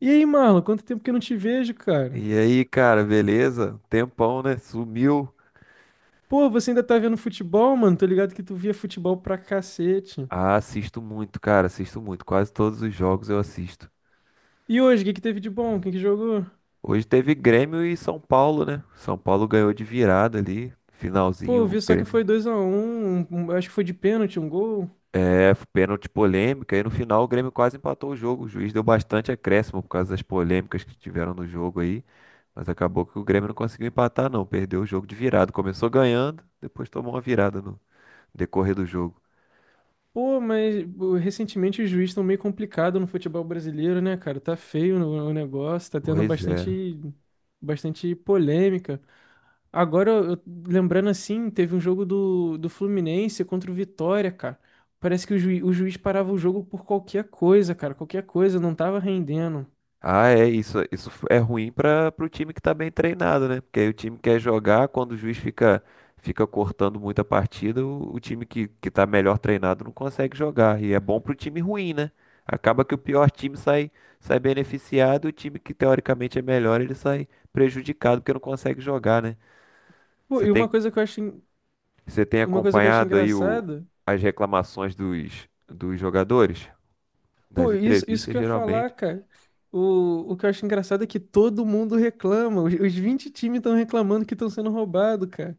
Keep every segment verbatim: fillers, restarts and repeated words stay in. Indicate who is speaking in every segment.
Speaker 1: E aí, Marlon, quanto tempo que eu não te vejo, cara?
Speaker 2: E aí, cara, beleza? Tempão, né? Sumiu.
Speaker 1: Pô, você ainda tá vendo futebol, mano? Tô ligado que tu via futebol pra cacete.
Speaker 2: Ah, assisto muito, cara, assisto muito. Quase todos os jogos eu assisto.
Speaker 1: E hoje, o que que teve de bom? Quem que jogou?
Speaker 2: Hoje teve Grêmio e São Paulo, né? São Paulo ganhou de virada ali,
Speaker 1: Pô, eu
Speaker 2: finalzinho. O
Speaker 1: vi só que
Speaker 2: Grêmio.
Speaker 1: foi dois a um. um- acho que foi de pênalti, um gol.
Speaker 2: É, pênalti polêmica. E no final o Grêmio quase empatou o jogo. O juiz deu bastante acréscimo por causa das polêmicas que tiveram no jogo aí. Mas acabou que o Grêmio não conseguiu empatar, não. Perdeu o jogo de virada. Começou ganhando, depois tomou uma virada no decorrer do jogo.
Speaker 1: Pô, mas pô, recentemente os juízes estão meio complicado no futebol brasileiro, né, cara? Tá feio o o negócio, tá tendo
Speaker 2: Pois é.
Speaker 1: bastante, bastante polêmica. Agora, eu, eu- lembrando assim, teve um jogo do, do Fluminense contra o Vitória, cara. Parece que o, juiz o juiz parava o jogo por qualquer coisa, cara. Qualquer coisa, não tava rendendo.
Speaker 2: Ah, é, isso, isso é ruim para o time que tá bem treinado, né? Porque aí o time quer jogar, quando o juiz fica, fica cortando muita partida, o, o time que, que tá melhor treinado não consegue jogar. E é bom pro time ruim, né? Acaba que o pior time sai, sai beneficiado e o time que teoricamente é melhor, ele sai prejudicado porque não consegue jogar, né?
Speaker 1: Pô,
Speaker 2: Você
Speaker 1: e uma
Speaker 2: tem,
Speaker 1: coisa que eu acho, en-
Speaker 2: você tem
Speaker 1: uma coisa que eu acho
Speaker 2: acompanhado aí o,
Speaker 1: engraçada.
Speaker 2: as reclamações dos, dos jogadores? Nas
Speaker 1: Pô, isso, isso que
Speaker 2: entrevistas,
Speaker 1: eu ia falar,
Speaker 2: geralmente.
Speaker 1: cara. O, o que eu acho engraçado é que todo mundo reclama. Os, os vinte times estão reclamando que estão sendo roubados, cara.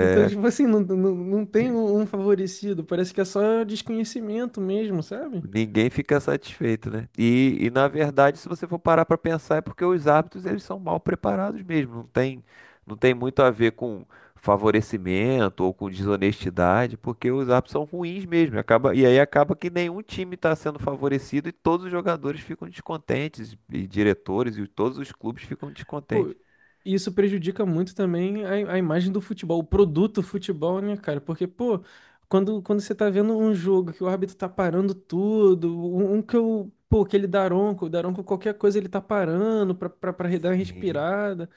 Speaker 1: Então, tipo assim, não, não, não tem um um favorecido. Parece que é só desconhecimento mesmo, sabe?
Speaker 2: Ninguém fica satisfeito, né? E, e na verdade, se você for parar para pensar, é porque os árbitros eles são mal preparados mesmo. Não tem, não tem muito a ver com favorecimento ou com desonestidade, porque os árbitros são ruins mesmo. Acaba, e aí acaba que nenhum time está sendo favorecido e todos os jogadores ficam descontentes, e diretores e todos os clubes ficam
Speaker 1: Pô,
Speaker 2: descontentes.
Speaker 1: isso prejudica muito também a, a imagem do futebol, o produto futebol, né, cara? Porque, pô, quando, quando você tá vendo um jogo que o árbitro tá parando tudo, um, um que eu. Pô, aquele Daronco, o Daronco, qualquer coisa ele tá parando pra, pra, pra dar uma
Speaker 2: Sim.
Speaker 1: respirada.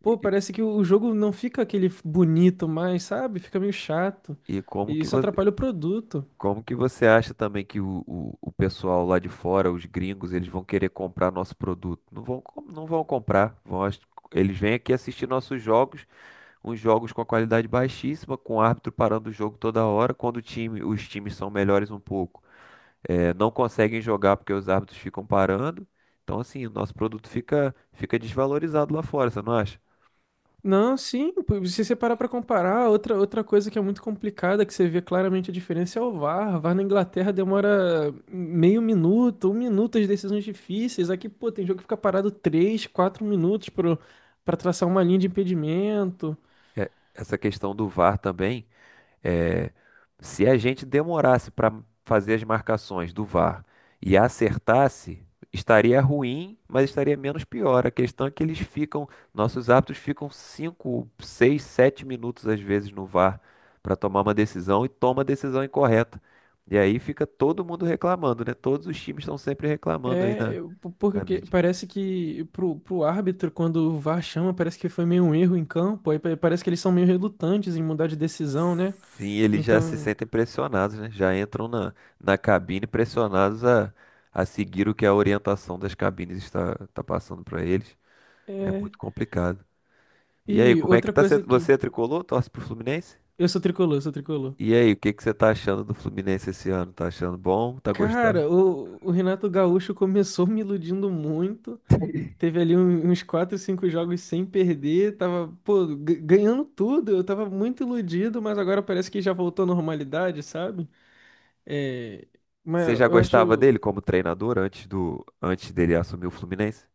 Speaker 1: Pô,
Speaker 2: E,
Speaker 1: parece que o jogo não fica aquele bonito mais, sabe? Fica meio chato.
Speaker 2: e como
Speaker 1: E
Speaker 2: que.
Speaker 1: isso atrapalha o produto.
Speaker 2: Como que você acha também que o, o, o pessoal lá de fora, os gringos, eles vão querer comprar nosso produto? Não vão, com- não vão comprar. Vão, ach- eles vêm aqui assistir nossos jogos, uns jogos com a qualidade baixíssima, com o árbitro parando o jogo toda hora, quando o time, os times são melhores um pouco. Eh, não conseguem jogar porque os árbitros ficam parando. Então, assim, o nosso produto fica, fica desvalorizado lá fora, você não acha?
Speaker 1: Não, sim, pô, se você parar pra comparar, outra, outra coisa que é muito complicada, que você vê claramente a diferença é o VAR. O VAR na Inglaterra demora meio minuto, um minuto as decisões difíceis. Aqui, pô, tem jogo que fica parado três, quatro minutos pro, pra traçar uma linha de impedimento.
Speaker 2: É, essa questão do VAR também. É, se a gente demorasse para fazer as marcações do VAR e acertasse, estaria ruim, mas estaria menos pior. A questão é que eles ficam, nossos árbitros ficam cinco, seis, sete minutos às vezes no VAR para tomar uma decisão e toma a decisão incorreta. E aí fica todo mundo reclamando, né? Todos os times estão sempre reclamando aí
Speaker 1: É,
Speaker 2: na,
Speaker 1: eu- po- porque o
Speaker 2: na
Speaker 1: que-
Speaker 2: mídia.
Speaker 1: parece que pro, pro árbitro, quando o VAR chama, parece que foi meio um erro em campo, aí pa- parece que eles são meio relutantes em mudar de decisão, né?
Speaker 2: Sim, eles já se
Speaker 1: Então,
Speaker 2: sentem pressionados, né? Já entram na, na cabine pressionados a, a seguir o que a orientação das cabines está, está passando para eles. É
Speaker 1: é.
Speaker 2: muito complicado. E aí,
Speaker 1: E
Speaker 2: como é que
Speaker 1: outra
Speaker 2: tá
Speaker 1: coisa
Speaker 2: sendo? Você
Speaker 1: aqui,
Speaker 2: é tricolor? Torce pro Fluminense?
Speaker 1: eu sou tricolor, sou tricolor.
Speaker 2: E aí, o que que você tá achando do Fluminense esse ano? Tá achando bom? Tá gostando?
Speaker 1: Cara, o, o Renato Gaúcho começou me iludindo muito. Teve ali um- uns quatro cinco jogos sem perder. Tava, pô, g- ganhando tudo. Eu tava muito iludido, mas agora parece que já voltou à normalidade, sabe? É, mas
Speaker 2: Você já
Speaker 1: eu
Speaker 2: gostava
Speaker 1: acho.
Speaker 2: dele como treinador antes do, antes dele assumir o Fluminense?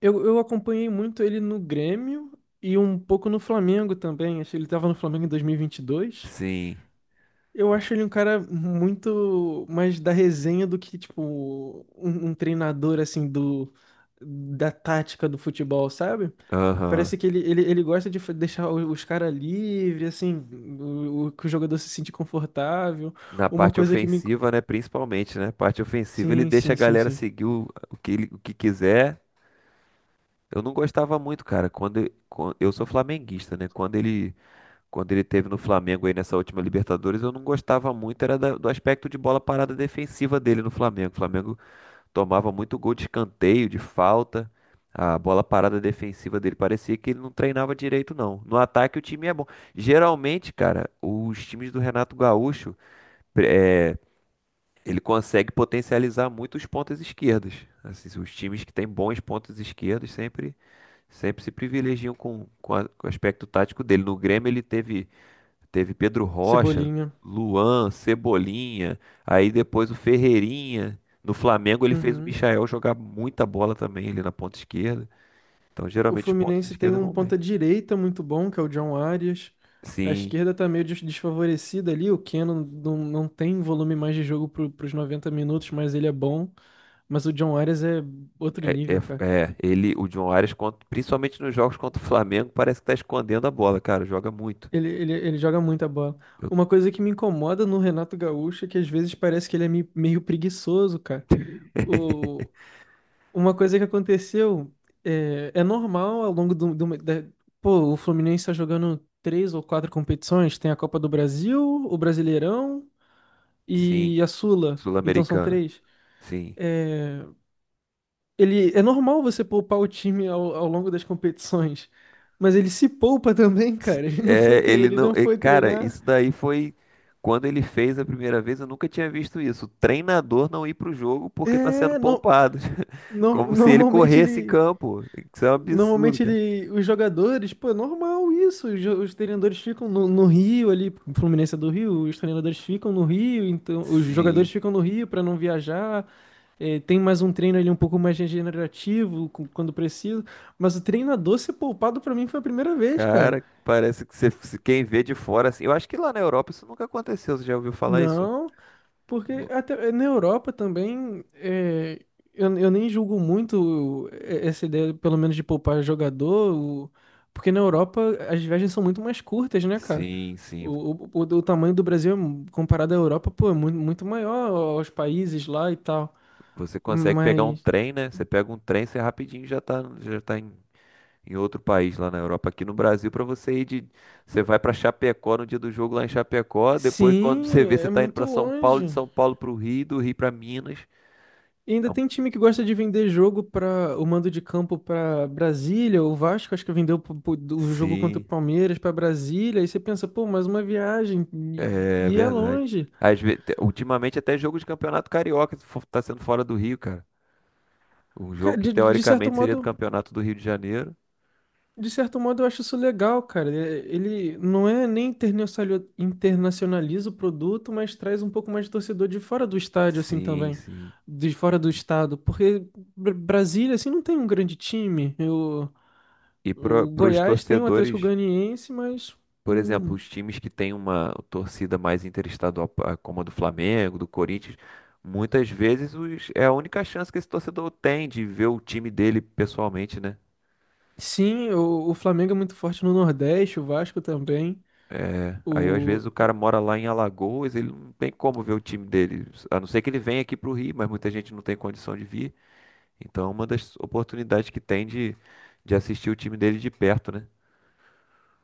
Speaker 1: Eu, eu acompanhei muito ele no Grêmio e um pouco no Flamengo também. Acho que ele tava no Flamengo em dois mil e e vinte e dois.
Speaker 2: Sim.
Speaker 1: Eu acho ele um cara muito mais da resenha do que, tipo, um, um treinador, assim, do, da tática do futebol, sabe? Parece
Speaker 2: Aham.
Speaker 1: que ele, ele, ele gosta de fa- deixar o- os caras livres, assim, o, o- que o jogador se sente confortável.
Speaker 2: Na
Speaker 1: Uma
Speaker 2: parte
Speaker 1: coisa que me...
Speaker 2: ofensiva, né? Principalmente, né? Parte ofensiva, ele
Speaker 1: Sim,
Speaker 2: deixa
Speaker 1: sim,
Speaker 2: a
Speaker 1: sim,
Speaker 2: galera
Speaker 1: sim.
Speaker 2: seguir o, o que, ele- o que quiser. Eu não gostava muito, cara. Quando, quando eu sou flamenguista, né? Quando ele, quando ele teve no Flamengo aí nessa última Libertadores, eu não gostava muito, era da- do aspecto de bola parada defensiva dele no Flamengo. O Flamengo tomava muito gol de escanteio, de falta. A bola parada defensiva dele parecia que ele não treinava direito, não. No ataque, o time é bom. Geralmente, cara, os times do Renato Gaúcho. Ele consegue potencializar muito os pontas esquerdas. Assim, os times que têm bons pontas esquerdas sempre, sempre se privilegiam com, com, a- com o aspecto tático dele. No Grêmio ele teve, teve Pedro Rocha,
Speaker 1: Cebolinha.
Speaker 2: Luan, Cebolinha, aí depois o Ferreirinha. No Flamengo ele fez o
Speaker 1: Uhum.
Speaker 2: Michael jogar muita bola também ali na ponta esquerda. Então
Speaker 1: O
Speaker 2: geralmente os pontas
Speaker 1: Fluminense tem
Speaker 2: esquerdas
Speaker 1: um
Speaker 2: vão bem.
Speaker 1: ponta-direita muito bom, que é o John Arias. A
Speaker 2: Sim,
Speaker 1: esquerda tá meio des- desfavorecida ali. O Keno não, não tem volume mais de jogo para os noventa minutos, mas ele é bom. Mas o John Arias é outro
Speaker 2: é,
Speaker 1: nível, cara.
Speaker 2: é- é, ele, o John Arias, contra- principalmente nos jogos contra o Flamengo, parece que tá escondendo a bola, cara, joga muito.
Speaker 1: Ele, ele, ele joga muita bola.
Speaker 2: Eu.
Speaker 1: Uma coisa que me incomoda no Renato Gaúcho é que às vezes parece que ele é me- meio preguiçoso, cara. Uma coisa que aconteceu é, é normal ao longo do, do- da- pô, o Fluminense está jogando três ou quatro competições, tem a Copa do Brasil, o Brasileirão
Speaker 2: Sim,
Speaker 1: e a Sula, então são
Speaker 2: sul-americana.
Speaker 1: três.
Speaker 2: Sim.
Speaker 1: É, ele é normal você poupar o time ao, ao longo das competições, mas ele se poupa também,
Speaker 2: Se-
Speaker 1: cara. Ele não foi,
Speaker 2: é,
Speaker 1: tre-
Speaker 2: ele
Speaker 1: ele
Speaker 2: não.
Speaker 1: não
Speaker 2: É,
Speaker 1: foi
Speaker 2: cara,
Speaker 1: treinar.
Speaker 2: isso daí foi. Quando ele fez a primeira vez, eu nunca tinha visto isso. O treinador não ir pro jogo porque tá sendo
Speaker 1: É, no,
Speaker 2: poupado.
Speaker 1: no-
Speaker 2: Como se ele
Speaker 1: normalmente
Speaker 2: corresse em
Speaker 1: ele.
Speaker 2: campo. Isso é um absurdo,
Speaker 1: Normalmente
Speaker 2: cara.
Speaker 1: ele, os jogadores, pô, é normal isso. Os, jo- os treinadores ficam no, no Rio ali, o Fluminense é do Rio, os treinadores ficam no Rio, então os jogadores
Speaker 2: Sim,
Speaker 1: ficam no Rio para não viajar. É, tem mais um treino ali um pouco mais regenerativo com- quando preciso. Mas o treinador ser poupado pra mim foi a primeira vez, cara.
Speaker 2: cara, parece que você, se quem vê de fora assim. Eu acho que lá na Europa isso nunca aconteceu. Você já ouviu falar isso?
Speaker 1: Não, porque até eh, na Europa também, é, eu, eu nem julgo muito é, essa ideia, pelo menos de poupar jogador, o- porque na Europa as viagens são muito mais curtas, né, cara?
Speaker 2: Sim, sim.
Speaker 1: O, o, o, o tamanho do Brasil, comparado à Europa, pô, é muito, muito maior aos países lá e tal.
Speaker 2: Você consegue pegar um
Speaker 1: Mas,
Speaker 2: trem, né? Você pega um trem, você rapidinho já tá, já tá em em outro país lá na Europa. Aqui no Brasil, para você ir de. Você vai para Chapecó no dia do jogo lá em Chapecó. Depois, quando você
Speaker 1: sim,
Speaker 2: vê, você
Speaker 1: é
Speaker 2: tá indo
Speaker 1: muito
Speaker 2: para São Paulo, de
Speaker 1: longe.
Speaker 2: São Paulo para o Rio, do Rio para Minas.
Speaker 1: E ainda
Speaker 2: Então,
Speaker 1: tem um time que gosta de vender jogo para o mando de campo para Brasília, o Vasco acho que vendeu pro- pro- o jogo contra o
Speaker 2: sim,
Speaker 1: Palmeiras para Brasília, e você pensa, pô, mais uma viagem e,
Speaker 2: é
Speaker 1: e é
Speaker 2: verdade.
Speaker 1: longe.
Speaker 2: Às ve- te- ultimamente, até jogo de campeonato carioca fo- tá sendo fora do Rio, cara. Um
Speaker 1: Ca-
Speaker 2: jogo que
Speaker 1: De, de de certo
Speaker 2: teoricamente seria do
Speaker 1: modo,
Speaker 2: campeonato do Rio de Janeiro.
Speaker 1: de certo modo eu acho isso legal, cara. É, ele não é nem internacionali- internacionaliza o produto, mas traz um pouco mais de torcedor de fora do estádio assim
Speaker 2: Sim,
Speaker 1: também,
Speaker 2: sim.
Speaker 1: de fora do estado, porque Br- Brasília assim não tem um grande time. Eu
Speaker 2: E
Speaker 1: O
Speaker 2: para os
Speaker 1: Goiás tem o Atlético
Speaker 2: torcedores.
Speaker 1: Goianiense, mas
Speaker 2: Por exemplo,
Speaker 1: hum,
Speaker 2: os times que têm uma torcida mais interestadual, pa- como a do Flamengo, do Corinthians, muitas vezes os- é a única chance que esse torcedor tem de ver o time dele pessoalmente, né?
Speaker 1: sim, o, o Flamengo é muito forte no Nordeste, o Vasco também.
Speaker 2: Aí, às
Speaker 1: O,
Speaker 2: vezes, o cara mora lá em Alagoas, ele não tem como ver o time dele, a não ser que ele venha aqui para o Rio, mas muita gente não tem condição de vir. Então, é uma das oportunidades que tem de, de assistir o time dele de perto, né?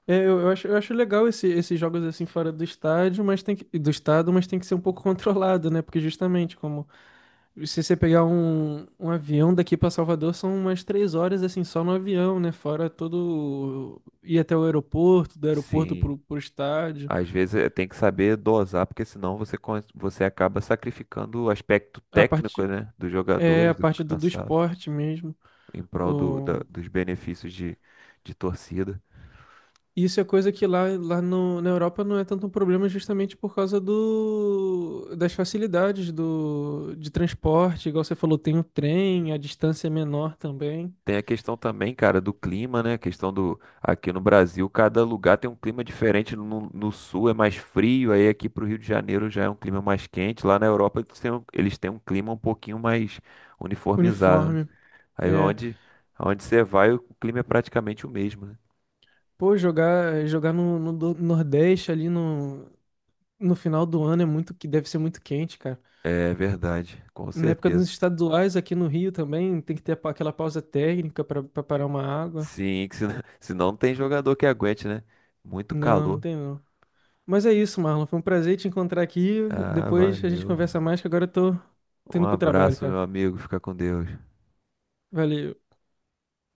Speaker 1: é, eu, eu acho, eu acho legal esse- esses jogos assim fora do estádio, mas tem que, do estado, mas tem que ser um pouco controlado, né? Porque justamente como se você pegar um, um avião daqui para Salvador, são umas três horas assim só no avião, né? Fora todo ir até o aeroporto, do aeroporto
Speaker 2: Sim.
Speaker 1: pro, pro estádio,
Speaker 2: Às vezes eh, tem que saber dosar, porque senão você, con- você acaba sacrificando o aspecto
Speaker 1: a
Speaker 2: técnico,
Speaker 1: parte
Speaker 2: né, dos
Speaker 1: é a
Speaker 2: jogadores, do
Speaker 1: parte do, do
Speaker 2: cansado,
Speaker 1: esporte mesmo.
Speaker 2: em prol do, da- dos benefícios de, de torcida.
Speaker 1: Isso é coisa que lá, lá no, na Europa não é tanto um problema justamente por causa do, das facilidades do, de transporte. Igual você falou, tem o trem, a distância é menor também.
Speaker 2: Tem a questão também, cara, do clima, né? A questão do. Aqui no Brasil, cada lugar tem um clima diferente. No, no sul é mais frio, aí aqui pro Rio de Janeiro já é um clima mais quente. Lá na Europa eles têm um, eles têm um clima um pouquinho mais uniformizado, né?
Speaker 1: Uniforme.
Speaker 2: Aí
Speaker 1: É.
Speaker 2: onde, onde você vai, o clima é praticamente o mesmo, né?
Speaker 1: Pô, jogar, jogar no, no do- Nordeste ali no, no final do ano é muito que deve ser muito quente, cara.
Speaker 2: É verdade, com
Speaker 1: Na época dos
Speaker 2: certeza.
Speaker 1: estaduais aqui no Rio também tem que ter pa- aquela pausa técnica para parar uma água.
Speaker 2: Sim, que se. Se não tem jogador que aguente, né? Muito
Speaker 1: Não, não
Speaker 2: calor.
Speaker 1: tem não. Mas é isso, Marlon. Foi um prazer te encontrar aqui.
Speaker 2: Ah,
Speaker 1: Depois a gente
Speaker 2: valeu.
Speaker 1: conversa mais, que agora eu tô, tô
Speaker 2: Um
Speaker 1: indo pro trabalho,
Speaker 2: abraço, meu
Speaker 1: cara.
Speaker 2: amigo. Fica com Deus.
Speaker 1: Valeu.